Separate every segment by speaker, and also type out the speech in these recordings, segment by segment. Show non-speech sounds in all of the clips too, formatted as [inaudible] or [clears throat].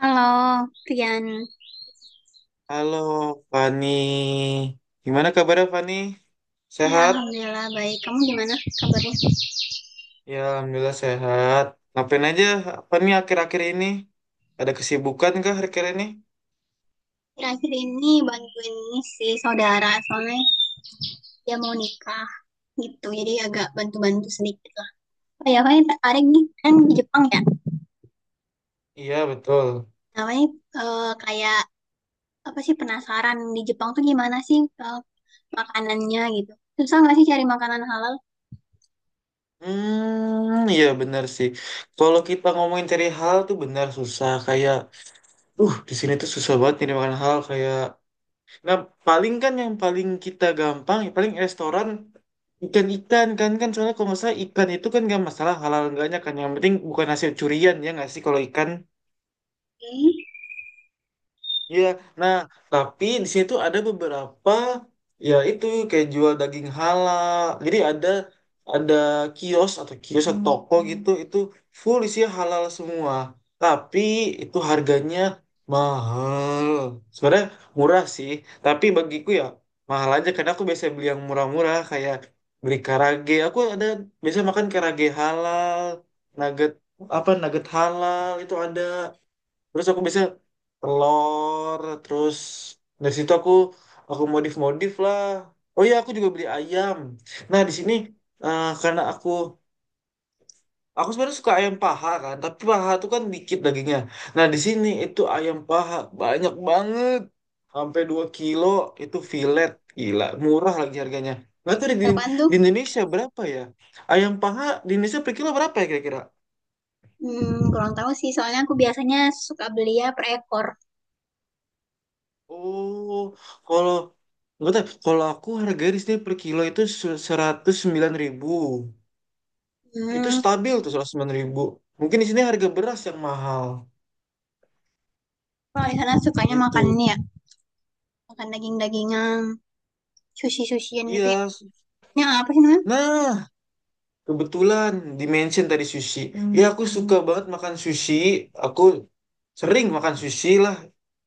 Speaker 1: Halo, Rian.
Speaker 2: Halo Fani, gimana kabarnya Fani?
Speaker 1: Ya,
Speaker 2: Sehat?
Speaker 1: alhamdulillah baik. Kamu gimana kabarnya?
Speaker 2: Ya, Alhamdulillah sehat. Ngapain aja Fani akhir-akhir ini? Ada kesibukan kah akhir-akhir ini?
Speaker 1: Akhir-akhir ini bantuin ini si saudara, soalnya dia mau nikah gitu. Jadi agak bantu-bantu sedikit lah. Oh ya, paling tertarik nih, kan di Jepang ya.
Speaker 2: Iya, betul.
Speaker 1: Namanya kayak apa sih, penasaran di Jepang tuh gimana sih, makanannya gitu. Susah nggak sih cari makanan halal?
Speaker 2: Hmm, iya benar sih. Kalau kita ngomongin cari hal tuh benar susah. Kayak, di sini tuh susah banget nih makan hal kayak. Nah, paling kan yang paling kita gampang, ya paling restoran ikan-ikan kan kan soalnya kalau nggak salah ikan itu kan nggak masalah halal enggaknya kan, yang penting bukan hasil curian, ya nggak sih kalau ikan.
Speaker 1: Hmm,
Speaker 2: Iya, nah tapi di situ ada beberapa, ya itu kayak jual daging halal. Jadi ada kios atau toko gitu, itu full isinya halal semua. Tapi itu harganya mahal. Sebenarnya murah sih, tapi bagiku ya mahal aja, karena aku biasa beli yang murah-murah kayak beli karage. Aku ada biasa makan karage halal, nugget, apa, nugget halal itu ada. Terus aku biasanya telur, terus dari situ aku modif modif lah. Oh iya, aku juga beli ayam. Nah di sini, karena aku sebenarnya suka ayam paha kan, tapi paha tuh kan dikit dagingnya. Nah di sini itu ayam paha banyak banget, sampai 2 kilo. Itu fillet. Gila, murah lagi harganya. Nggak tahu di,
Speaker 1: berapaan tuh?
Speaker 2: di Indonesia berapa ya, ayam paha di Indonesia per kilo berapa ya kira-kira.
Speaker 1: Hmm, kurang tahu sih. Soalnya aku biasanya suka beli ya per ekor.
Speaker 2: Oh, kalau nggak tahu, kalau aku harga di sini per kilo itu 109.000. Itu
Speaker 1: Hmm,
Speaker 2: stabil tuh 109.000. Mungkin di sini harga beras yang mahal,
Speaker 1: kalau di sana sukanya makan
Speaker 2: gitu.
Speaker 1: ini ya, makan daging-dagingan, sushi-sushian gitu ya.
Speaker 2: Iya.
Speaker 1: Nah, apa sih namanya?
Speaker 2: Nah, kebetulan dimention tadi sushi. Ya, aku suka banget makan sushi. Aku sering makan sushi lah.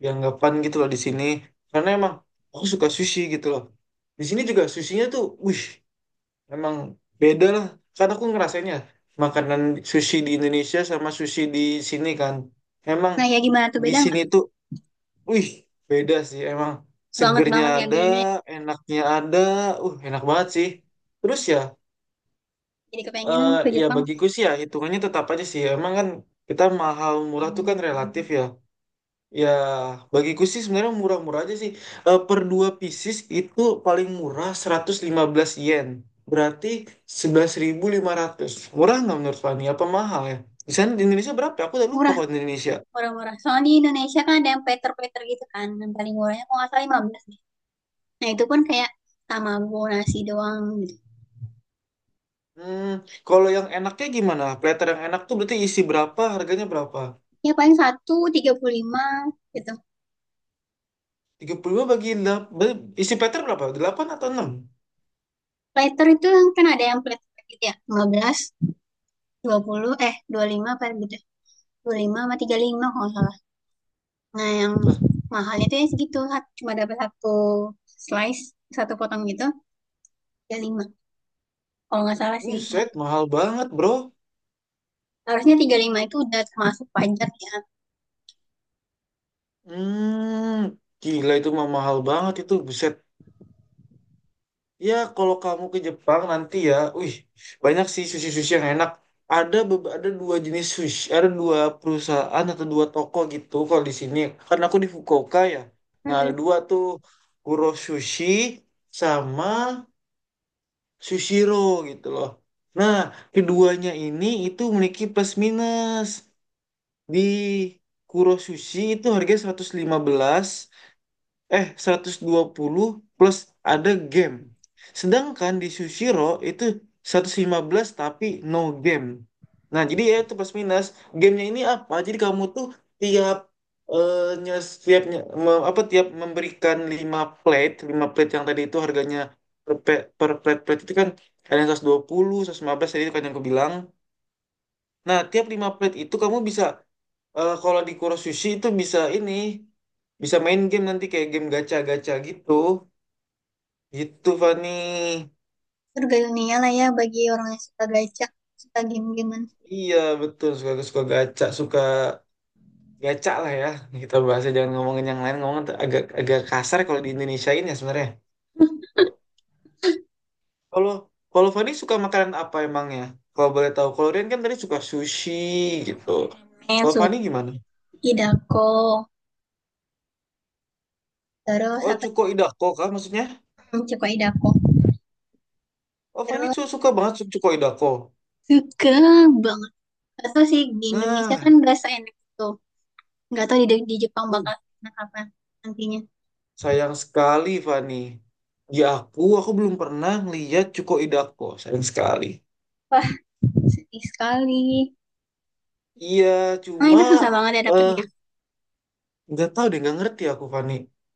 Speaker 2: Dianggapan gitu loh di sini. Karena emang aku suka sushi gitu loh. Di sini juga sushinya tuh, wih. Emang beda lah. Karena aku ngerasainnya makanan sushi di Indonesia sama sushi di sini kan. Emang
Speaker 1: Nah, ya gimana tuh,
Speaker 2: di
Speaker 1: beda
Speaker 2: sini
Speaker 1: nggak?
Speaker 2: tuh, wih, beda sih. Emang
Speaker 1: Banget
Speaker 2: segernya
Speaker 1: banget ya
Speaker 2: ada,
Speaker 1: bedanya.
Speaker 2: enaknya ada. Enak banget sih. Terus ya,
Speaker 1: Jadi kepengen
Speaker 2: eh
Speaker 1: ke
Speaker 2: ya
Speaker 1: Jepang.
Speaker 2: bagiku sih ya hitungannya tetap aja sih. Emang kan kita mahal murah tuh kan relatif ya. Ya, bagiku sih sebenarnya murah-murah aja sih. Per 2 pieces itu paling murah 115 yen. Berarti 11.500. Murah nggak menurut Fani? Apa mahal ya? Di sana di Indonesia berapa, ya? Aku udah lupa
Speaker 1: Murah,
Speaker 2: kalau di Indonesia.
Speaker 1: murah-murah. Soalnya di Indonesia kan ada yang plater-plater gitu kan. Yang paling murahnya kalau nggak salah 15 deh. Nah, itu pun kayak tamago nasi doang gitu.
Speaker 2: Hmm, kalau yang enaknya gimana? Platter yang enak tuh berarti isi berapa? Harganya berapa?
Speaker 1: Ya paling satu 35 gitu.
Speaker 2: 35 bagi delapan. Isi platter berapa? Delapan atau enam.
Speaker 1: Plater itu yang kan ada yang plater gitu ya. Lima belas, dua puluh, 25 apa gitu. Dua lima sama tiga lima kalau nggak salah. Nah, yang
Speaker 2: Lah,
Speaker 1: mahalnya itu ya segitu. Cuma dapat satu slice, satu potong gitu, tiga lima. Kalau nggak salah sih.
Speaker 2: buset, mahal banget, bro.
Speaker 1: Harusnya 35 itu udah termasuk pajak ya.
Speaker 2: Hmm, gila itu mah mahal banget itu, buset. Ya, kalau kamu ke Jepang nanti ya, wih, banyak sih sushi-sushi yang enak. Ada ada dua jenis sushi, ada dua perusahaan atau dua toko gitu kalau di sini. Karena aku di Fukuoka ya. Nah, ada
Speaker 1: Mm.
Speaker 2: dua tuh, Kuro Sushi sama Sushiro gitu loh. Nah, keduanya ini itu memiliki plus minus. Di Kuro Sushi itu harganya 115, eh, 120, plus ada game. Sedangkan di Sushiro itu 115 tapi no game. Nah, jadi ya itu plus minus. Gamenya ini apa? Jadi kamu tuh tiap eh, nyes- tiap nye- me- apa tiap memberikan 5 plate, yang tadi itu harganya per plate plate itu kan ada yang 120, 115 tadi itu kan yang aku bilang. Nah, tiap 5 plate itu kamu bisa. Kalau di Kurosushi itu bisa ini, bisa main game nanti kayak game gacha-gacha gitu. Gitu, Fani.
Speaker 1: Surga dunia lah ya bagi orang yang suka gacak, suka game-gamean.
Speaker 2: Iya, betul. Suka suka gacha lah ya. Kita bahasnya jangan ngomongin yang lain, ngomong agak agak kasar kalau di Indonesia ini ya sebenarnya. Tuh. Kalau kalau Fani suka makanan apa emangnya? Kalau boleh tahu, kalau Rian kan tadi suka sushi
Speaker 1: Karena
Speaker 2: gitu.
Speaker 1: suka ramen. Eh,
Speaker 2: Kalau
Speaker 1: suka
Speaker 2: Fani gimana?
Speaker 1: Terus
Speaker 2: Oh,
Speaker 1: apa
Speaker 2: cuko
Speaker 1: sih?
Speaker 2: idako kah maksudnya?
Speaker 1: Hmm, suka idako.
Speaker 2: Oh, Fani
Speaker 1: Terus
Speaker 2: suka banget cuko idako.
Speaker 1: suka banget. Gak tau sih, di Indonesia kan
Speaker 2: Nah,
Speaker 1: gak seenak itu. Gak tau di Jepang
Speaker 2: lu.
Speaker 1: bakal enak apa nantinya.
Speaker 2: Sayang sekali, Fani. Di aku belum pernah ngeliat Cuko Idako. Sayang sekali.
Speaker 1: Wah, sedih sekali.
Speaker 2: Iya,
Speaker 1: Nah,
Speaker 2: cuma
Speaker 1: itu susah banget ya
Speaker 2: eh
Speaker 1: dapetnya.
Speaker 2: nggak tahu deh, nggak ngerti aku, Fani.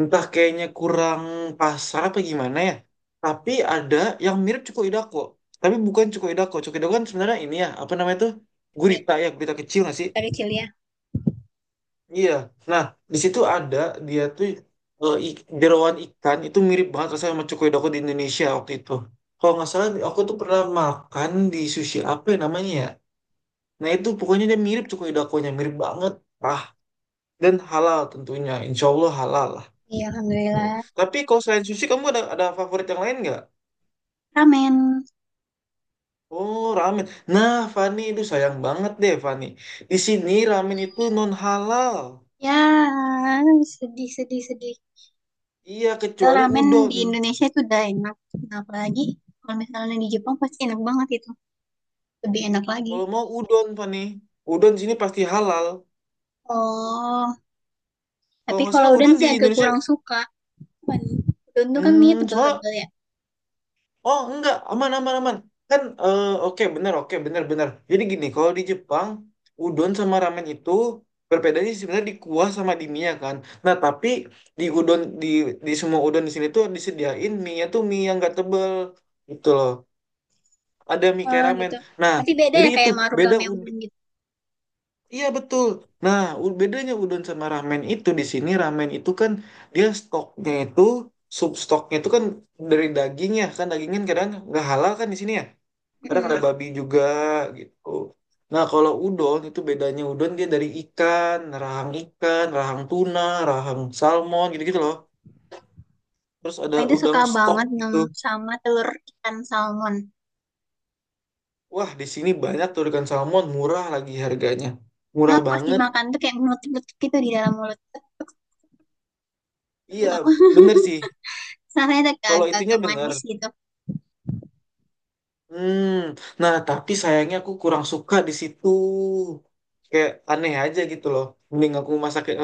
Speaker 2: Entah kayaknya kurang pasar apa gimana ya. Tapi ada yang mirip Cuko Idako. Tapi bukan Cuko Idako. Cuko Idako kan sebenarnya ini ya, apa namanya tuh?
Speaker 1: Nih,
Speaker 2: Gurita ya, gurita kecil nggak sih?
Speaker 1: dari kecil ya.
Speaker 2: Iya. Nah, di situ ada dia tuh, jerawan ikan itu mirip banget rasanya sama cokoyodoko di Indonesia waktu itu. Kalau nggak salah aku tuh pernah makan di sushi apa ya namanya ya. Nah itu pokoknya dia mirip cokoyodokonya, mirip banget. Ah, dan halal tentunya. Insya Allah halal lah.
Speaker 1: Iya,
Speaker 2: Tuh.
Speaker 1: Alhamdulillah.
Speaker 2: Tapi kalau selain sushi kamu ada favorit yang lain nggak?
Speaker 1: Ramen.
Speaker 2: Oh, ramen. Nah, Fani itu sayang banget deh, Fani. Di sini ramen itu non halal.
Speaker 1: Ya, sedih, sedih, sedih.
Speaker 2: Iya,
Speaker 1: Padahal
Speaker 2: kecuali
Speaker 1: ramen di
Speaker 2: udon.
Speaker 1: Indonesia itu udah enak. Kenapa lagi? Kalau misalnya di Jepang pasti enak banget itu. Lebih enak lagi.
Speaker 2: Kalau mau udon, Fani. Udon di sini pasti halal.
Speaker 1: Oh,
Speaker 2: Kalau
Speaker 1: tapi
Speaker 2: nggak
Speaker 1: kalau
Speaker 2: salah
Speaker 1: udon
Speaker 2: udon di
Speaker 1: sih agak
Speaker 2: Indonesia,
Speaker 1: kurang suka. Cuman udon tuh kan mie
Speaker 2: soalnya,
Speaker 1: tebel-tebel ya.
Speaker 2: oh enggak, aman, aman, aman. Kan, oke, benar, benar. Jadi gini, kalau di Jepang, udon sama ramen itu berbedanya sebenarnya di kuah sama di mie kan. Nah, tapi di udon, di semua udon di sini tuh disediain mie-nya tuh mie yang nggak tebel. Gitu loh. Ada mie kayak
Speaker 1: Oh
Speaker 2: ramen.
Speaker 1: gitu.
Speaker 2: Nah,
Speaker 1: Berarti beda
Speaker 2: jadi
Speaker 1: ya
Speaker 2: itu,
Speaker 1: kayak
Speaker 2: beda
Speaker 1: marugame
Speaker 2: ud-
Speaker 1: udon gitu.
Speaker 2: Iya betul. Nah, bedanya udon sama ramen itu di sini ramen itu kan dia stoknya itu sub stoknya itu kan dari dagingnya kan dagingnya kadang nggak halal kan di sini ya. Kadang
Speaker 1: Mm.
Speaker 2: ada babi juga gitu. Nah, kalau udon itu bedanya udon dia dari ikan, rahang tuna, rahang salmon gitu-gitu loh. Terus
Speaker 1: Aku
Speaker 2: ada
Speaker 1: itu
Speaker 2: udang
Speaker 1: suka
Speaker 2: stok
Speaker 1: banget
Speaker 2: gitu.
Speaker 1: sama telur ikan salmon.
Speaker 2: Wah, di sini banyak tuh ikan salmon, murah lagi harganya.
Speaker 1: Nah,
Speaker 2: Murah
Speaker 1: pas
Speaker 2: banget.
Speaker 1: dimakan tuh kayak menutup-nutup gitu di dalam mulut. Tek-tek, seru tau.
Speaker 2: Iya, bener sih.
Speaker 1: [laughs] Rasanya tuh kayak
Speaker 2: Kalau itunya
Speaker 1: agak-agag
Speaker 2: bener.
Speaker 1: manis gitu.
Speaker 2: Hmm, nah tapi sayangnya aku kurang suka di situ. Kayak aneh aja gitu loh. Mending aku masak,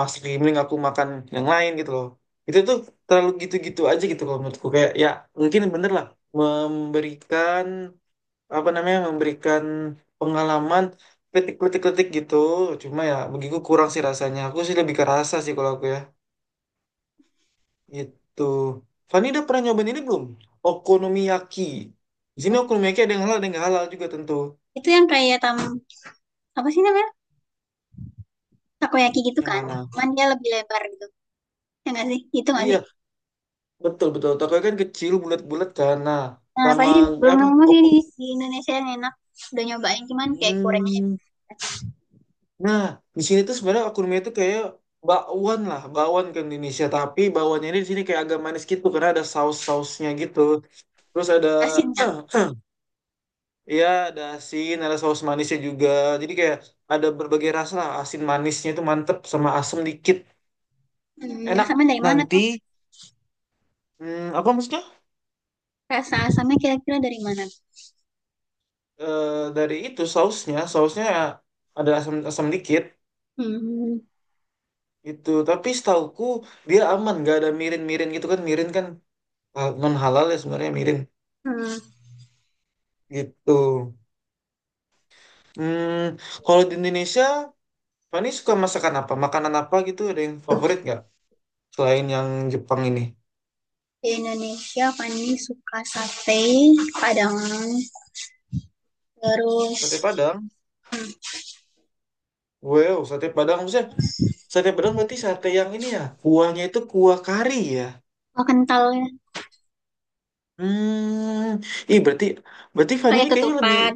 Speaker 2: masak mending aku makan yang lain gitu loh. Itu tuh terlalu gitu-gitu aja gitu loh menurutku. Kayak ya mungkin bener lah memberikan apa namanya memberikan pengalaman kritik-kritik-kritik gitu. Cuma ya begitu kurang sih rasanya. Aku sih lebih ke rasa sih kalau aku ya. Itu. Fani udah pernah nyobain ini belum? Okonomiyaki. Di sini okonomiyaki ada yang halal, ada yang nggak halal juga tentu.
Speaker 1: Itu yang kayak apa sih namanya? Takoyaki gitu
Speaker 2: Yang
Speaker 1: kan.
Speaker 2: mana?
Speaker 1: Cuman dia lebih lebar gitu. Ya nggak sih? Itu nggak sih?
Speaker 2: Iya, betul betul. Tokonya kan kecil, bulat-bulat kan. Nah,
Speaker 1: Nah,
Speaker 2: sama
Speaker 1: paling belum
Speaker 2: apa?
Speaker 1: nemu sih
Speaker 2: Oko.
Speaker 1: di Indonesia yang enak. Udah nyobain, cuman kayak kurangnya
Speaker 2: Hmm. Nah, di sini tuh sebenarnya okonomiyaki itu kayak bakwan lah, bakwan ke Indonesia. Tapi bakwannya ini di sini kayak agak manis gitu karena ada saus-sausnya gitu. Terus ada
Speaker 1: asinnya.
Speaker 2: [clears throat] Iya, ada asin, ada saus manisnya juga. Jadi kayak ada berbagai rasa lah. Asin manisnya itu mantep sama asem dikit.
Speaker 1: Hmm, yang
Speaker 2: Enak.
Speaker 1: sama dari mana tuh?
Speaker 2: Nanti, apa maksudnya?
Speaker 1: Rasa asamnya kira-kira dari mana?
Speaker 2: Eh, dari itu sausnya ada asam asam dikit
Speaker 1: Hmm.
Speaker 2: itu. Tapi setauku dia aman, nggak ada mirin-mirin gitu kan. Mirin kan non halal ya sebenarnya mirin
Speaker 1: Hmm.
Speaker 2: gitu. Hmm, kalau di Indonesia, Fani suka masakan apa? Makanan apa gitu? Ada yang favorit nggak? Selain yang Jepang ini?
Speaker 1: Di Indonesia Fani suka sate, Padang, terus
Speaker 2: Sate Padang. Wow, sate Padang maksudnya. Sate Padang berarti sate yang ini ya, kuahnya itu kuah kari ya.
Speaker 1: oh, kental ya,
Speaker 2: Hmm, ih berarti berarti Fani
Speaker 1: pakai
Speaker 2: ini kayaknya lebih
Speaker 1: ketupat.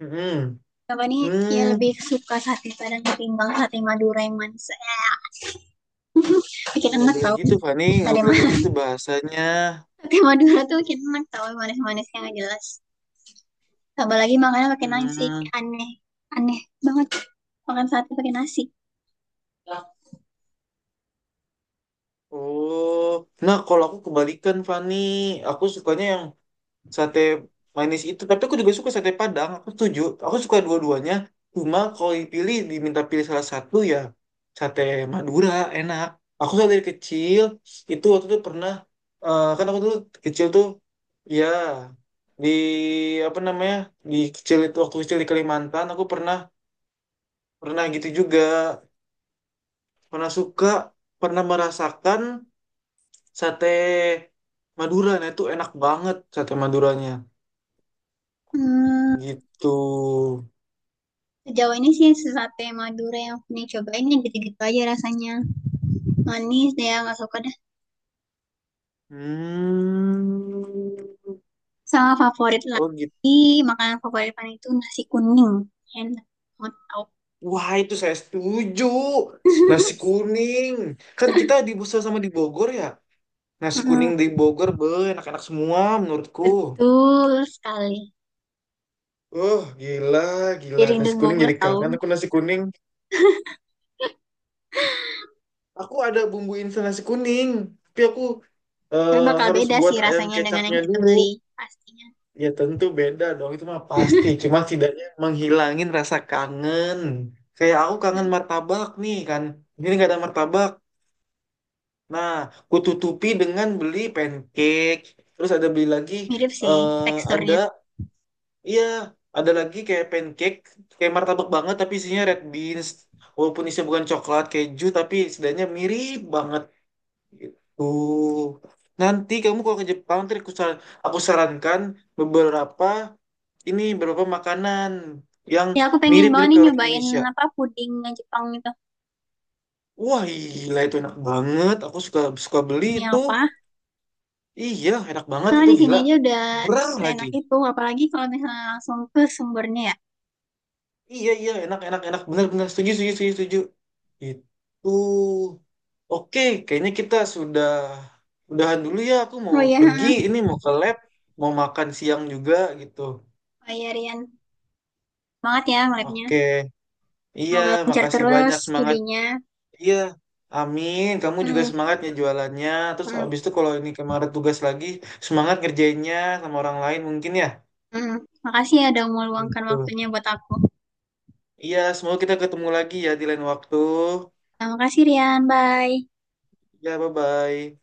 Speaker 2: hmm.
Speaker 1: Apa nih? Ya
Speaker 2: Hmm,
Speaker 1: lebih suka sate Padang ketimbang sate Madura yang manis. [laughs]
Speaker 2: ih
Speaker 1: Bikin
Speaker 2: nggak
Speaker 1: enak
Speaker 2: boleh
Speaker 1: tau
Speaker 2: gitu Fani, nggak
Speaker 1: sate
Speaker 2: boleh kayak
Speaker 1: Madura.
Speaker 2: gitu
Speaker 1: [laughs]
Speaker 2: bahasanya.
Speaker 1: Sate Madura tuh bikin enak tau, manis-manisnya nggak jelas. Tambah lagi makanan pakai nasi,
Speaker 2: Hmm.
Speaker 1: kayak aneh, aneh banget makan sate pakai nasi.
Speaker 2: Oh, nah kalau aku kebalikan, Fani, aku sukanya yang sate manis itu, tapi aku juga suka sate padang. Aku setuju, aku suka dua-duanya. Cuma kalau dipilih, diminta pilih salah satu ya, sate Madura enak. Aku tuh dari kecil itu, waktu itu pernah, kan aku dulu kecil tuh ya di apa namanya di kecil itu waktu kecil di Kalimantan, aku pernah pernah gitu juga, pernah suka, pernah merasakan sate Madura. Nah, itu enak banget sate Maduranya,
Speaker 1: Hmm,
Speaker 2: gitu.
Speaker 1: sejauh ini sih sate Madura yang pernah cobain yang gitu-gitu aja rasanya. Manis deh, nggak suka dah.
Speaker 2: Hmm.
Speaker 1: Sama favorit
Speaker 2: Oh gitu.
Speaker 1: lagi, makanan favorit pan itu nasi kuning. Enak banget tau.
Speaker 2: Wah, itu saya setuju. Nasi
Speaker 1: [laughs]
Speaker 2: kuning. Kan kita di Busel sama di Bogor ya. Nasi
Speaker 1: Mm,
Speaker 2: kuning di Bogor enak-enak semua menurutku.
Speaker 1: betul sekali.
Speaker 2: Oh gila,
Speaker 1: Jadi
Speaker 2: gila.
Speaker 1: rindu
Speaker 2: Nasi kuning,
Speaker 1: Bogor
Speaker 2: jadi
Speaker 1: tahu.
Speaker 2: kangen aku nasi kuning. Aku ada bumbu instan nasi kuning. Tapi aku,
Speaker 1: Tapi
Speaker 2: eh,
Speaker 1: bakal
Speaker 2: harus
Speaker 1: beda
Speaker 2: buat
Speaker 1: sih
Speaker 2: ayam
Speaker 1: rasanya dengan yang
Speaker 2: kecapnya
Speaker 1: kita
Speaker 2: dulu.
Speaker 1: beli. Pastinya.
Speaker 2: Ya tentu beda dong, itu mah pasti. Cuma setidaknya menghilangin rasa kangen. Kayak aku kangen martabak nih kan. Ini nggak ada martabak. Nah, kututupi dengan beli pancake. Terus ada beli lagi,
Speaker 1: Mirip sih
Speaker 2: eh ada,
Speaker 1: teksturnya.
Speaker 2: iya, ada lagi kayak pancake, kayak martabak banget tapi isinya red beans. Walaupun isinya bukan coklat, keju, tapi setidaknya mirip banget. Gitu. Nanti kamu kalau ke Jepang, nanti aku, aku sarankan beberapa ini beberapa makanan yang
Speaker 1: Ya aku pengen banget
Speaker 2: mirip-mirip ke
Speaker 1: nih
Speaker 2: orang
Speaker 1: nyobain
Speaker 2: Indonesia.
Speaker 1: apa puding Jepang itu.
Speaker 2: Wah, gila itu enak banget. Aku suka suka beli
Speaker 1: Demi
Speaker 2: itu.
Speaker 1: apa?
Speaker 2: Iya, enak banget
Speaker 1: Karena
Speaker 2: itu
Speaker 1: di sini
Speaker 2: gila.
Speaker 1: aja udah
Speaker 2: Murah lagi.
Speaker 1: seenak itu, apalagi kalau misalnya langsung ke sumbernya ya.
Speaker 2: Iya, iya, enak enak enak, benar-benar setuju setuju setuju setuju. Itu. Oke, kayaknya kita sudah udahan dulu ya. Aku
Speaker 1: Oh
Speaker 2: mau
Speaker 1: ya,
Speaker 2: pergi, ini mau ke lab, mau makan siang juga gitu.
Speaker 1: Pak Yarian, semangat ya ngelabnya.
Speaker 2: Oke. Iya,
Speaker 1: Semoga lancar
Speaker 2: makasih
Speaker 1: terus
Speaker 2: banyak, semangat.
Speaker 1: studinya.
Speaker 2: Iya, amin. Kamu juga
Speaker 1: Hmm,
Speaker 2: semangatnya jualannya. Terus habis
Speaker 1: hmm,
Speaker 2: itu kalau ini kemarin tugas lagi, semangat ngerjainnya sama orang lain mungkin ya.
Speaker 1: hmm. Makasih ya udah meluangkan
Speaker 2: Itu.
Speaker 1: waktunya buat aku.
Speaker 2: Iya, semoga kita ketemu lagi ya di lain waktu.
Speaker 1: Nah, makasih Rian, bye.
Speaker 2: Ya, bye-bye.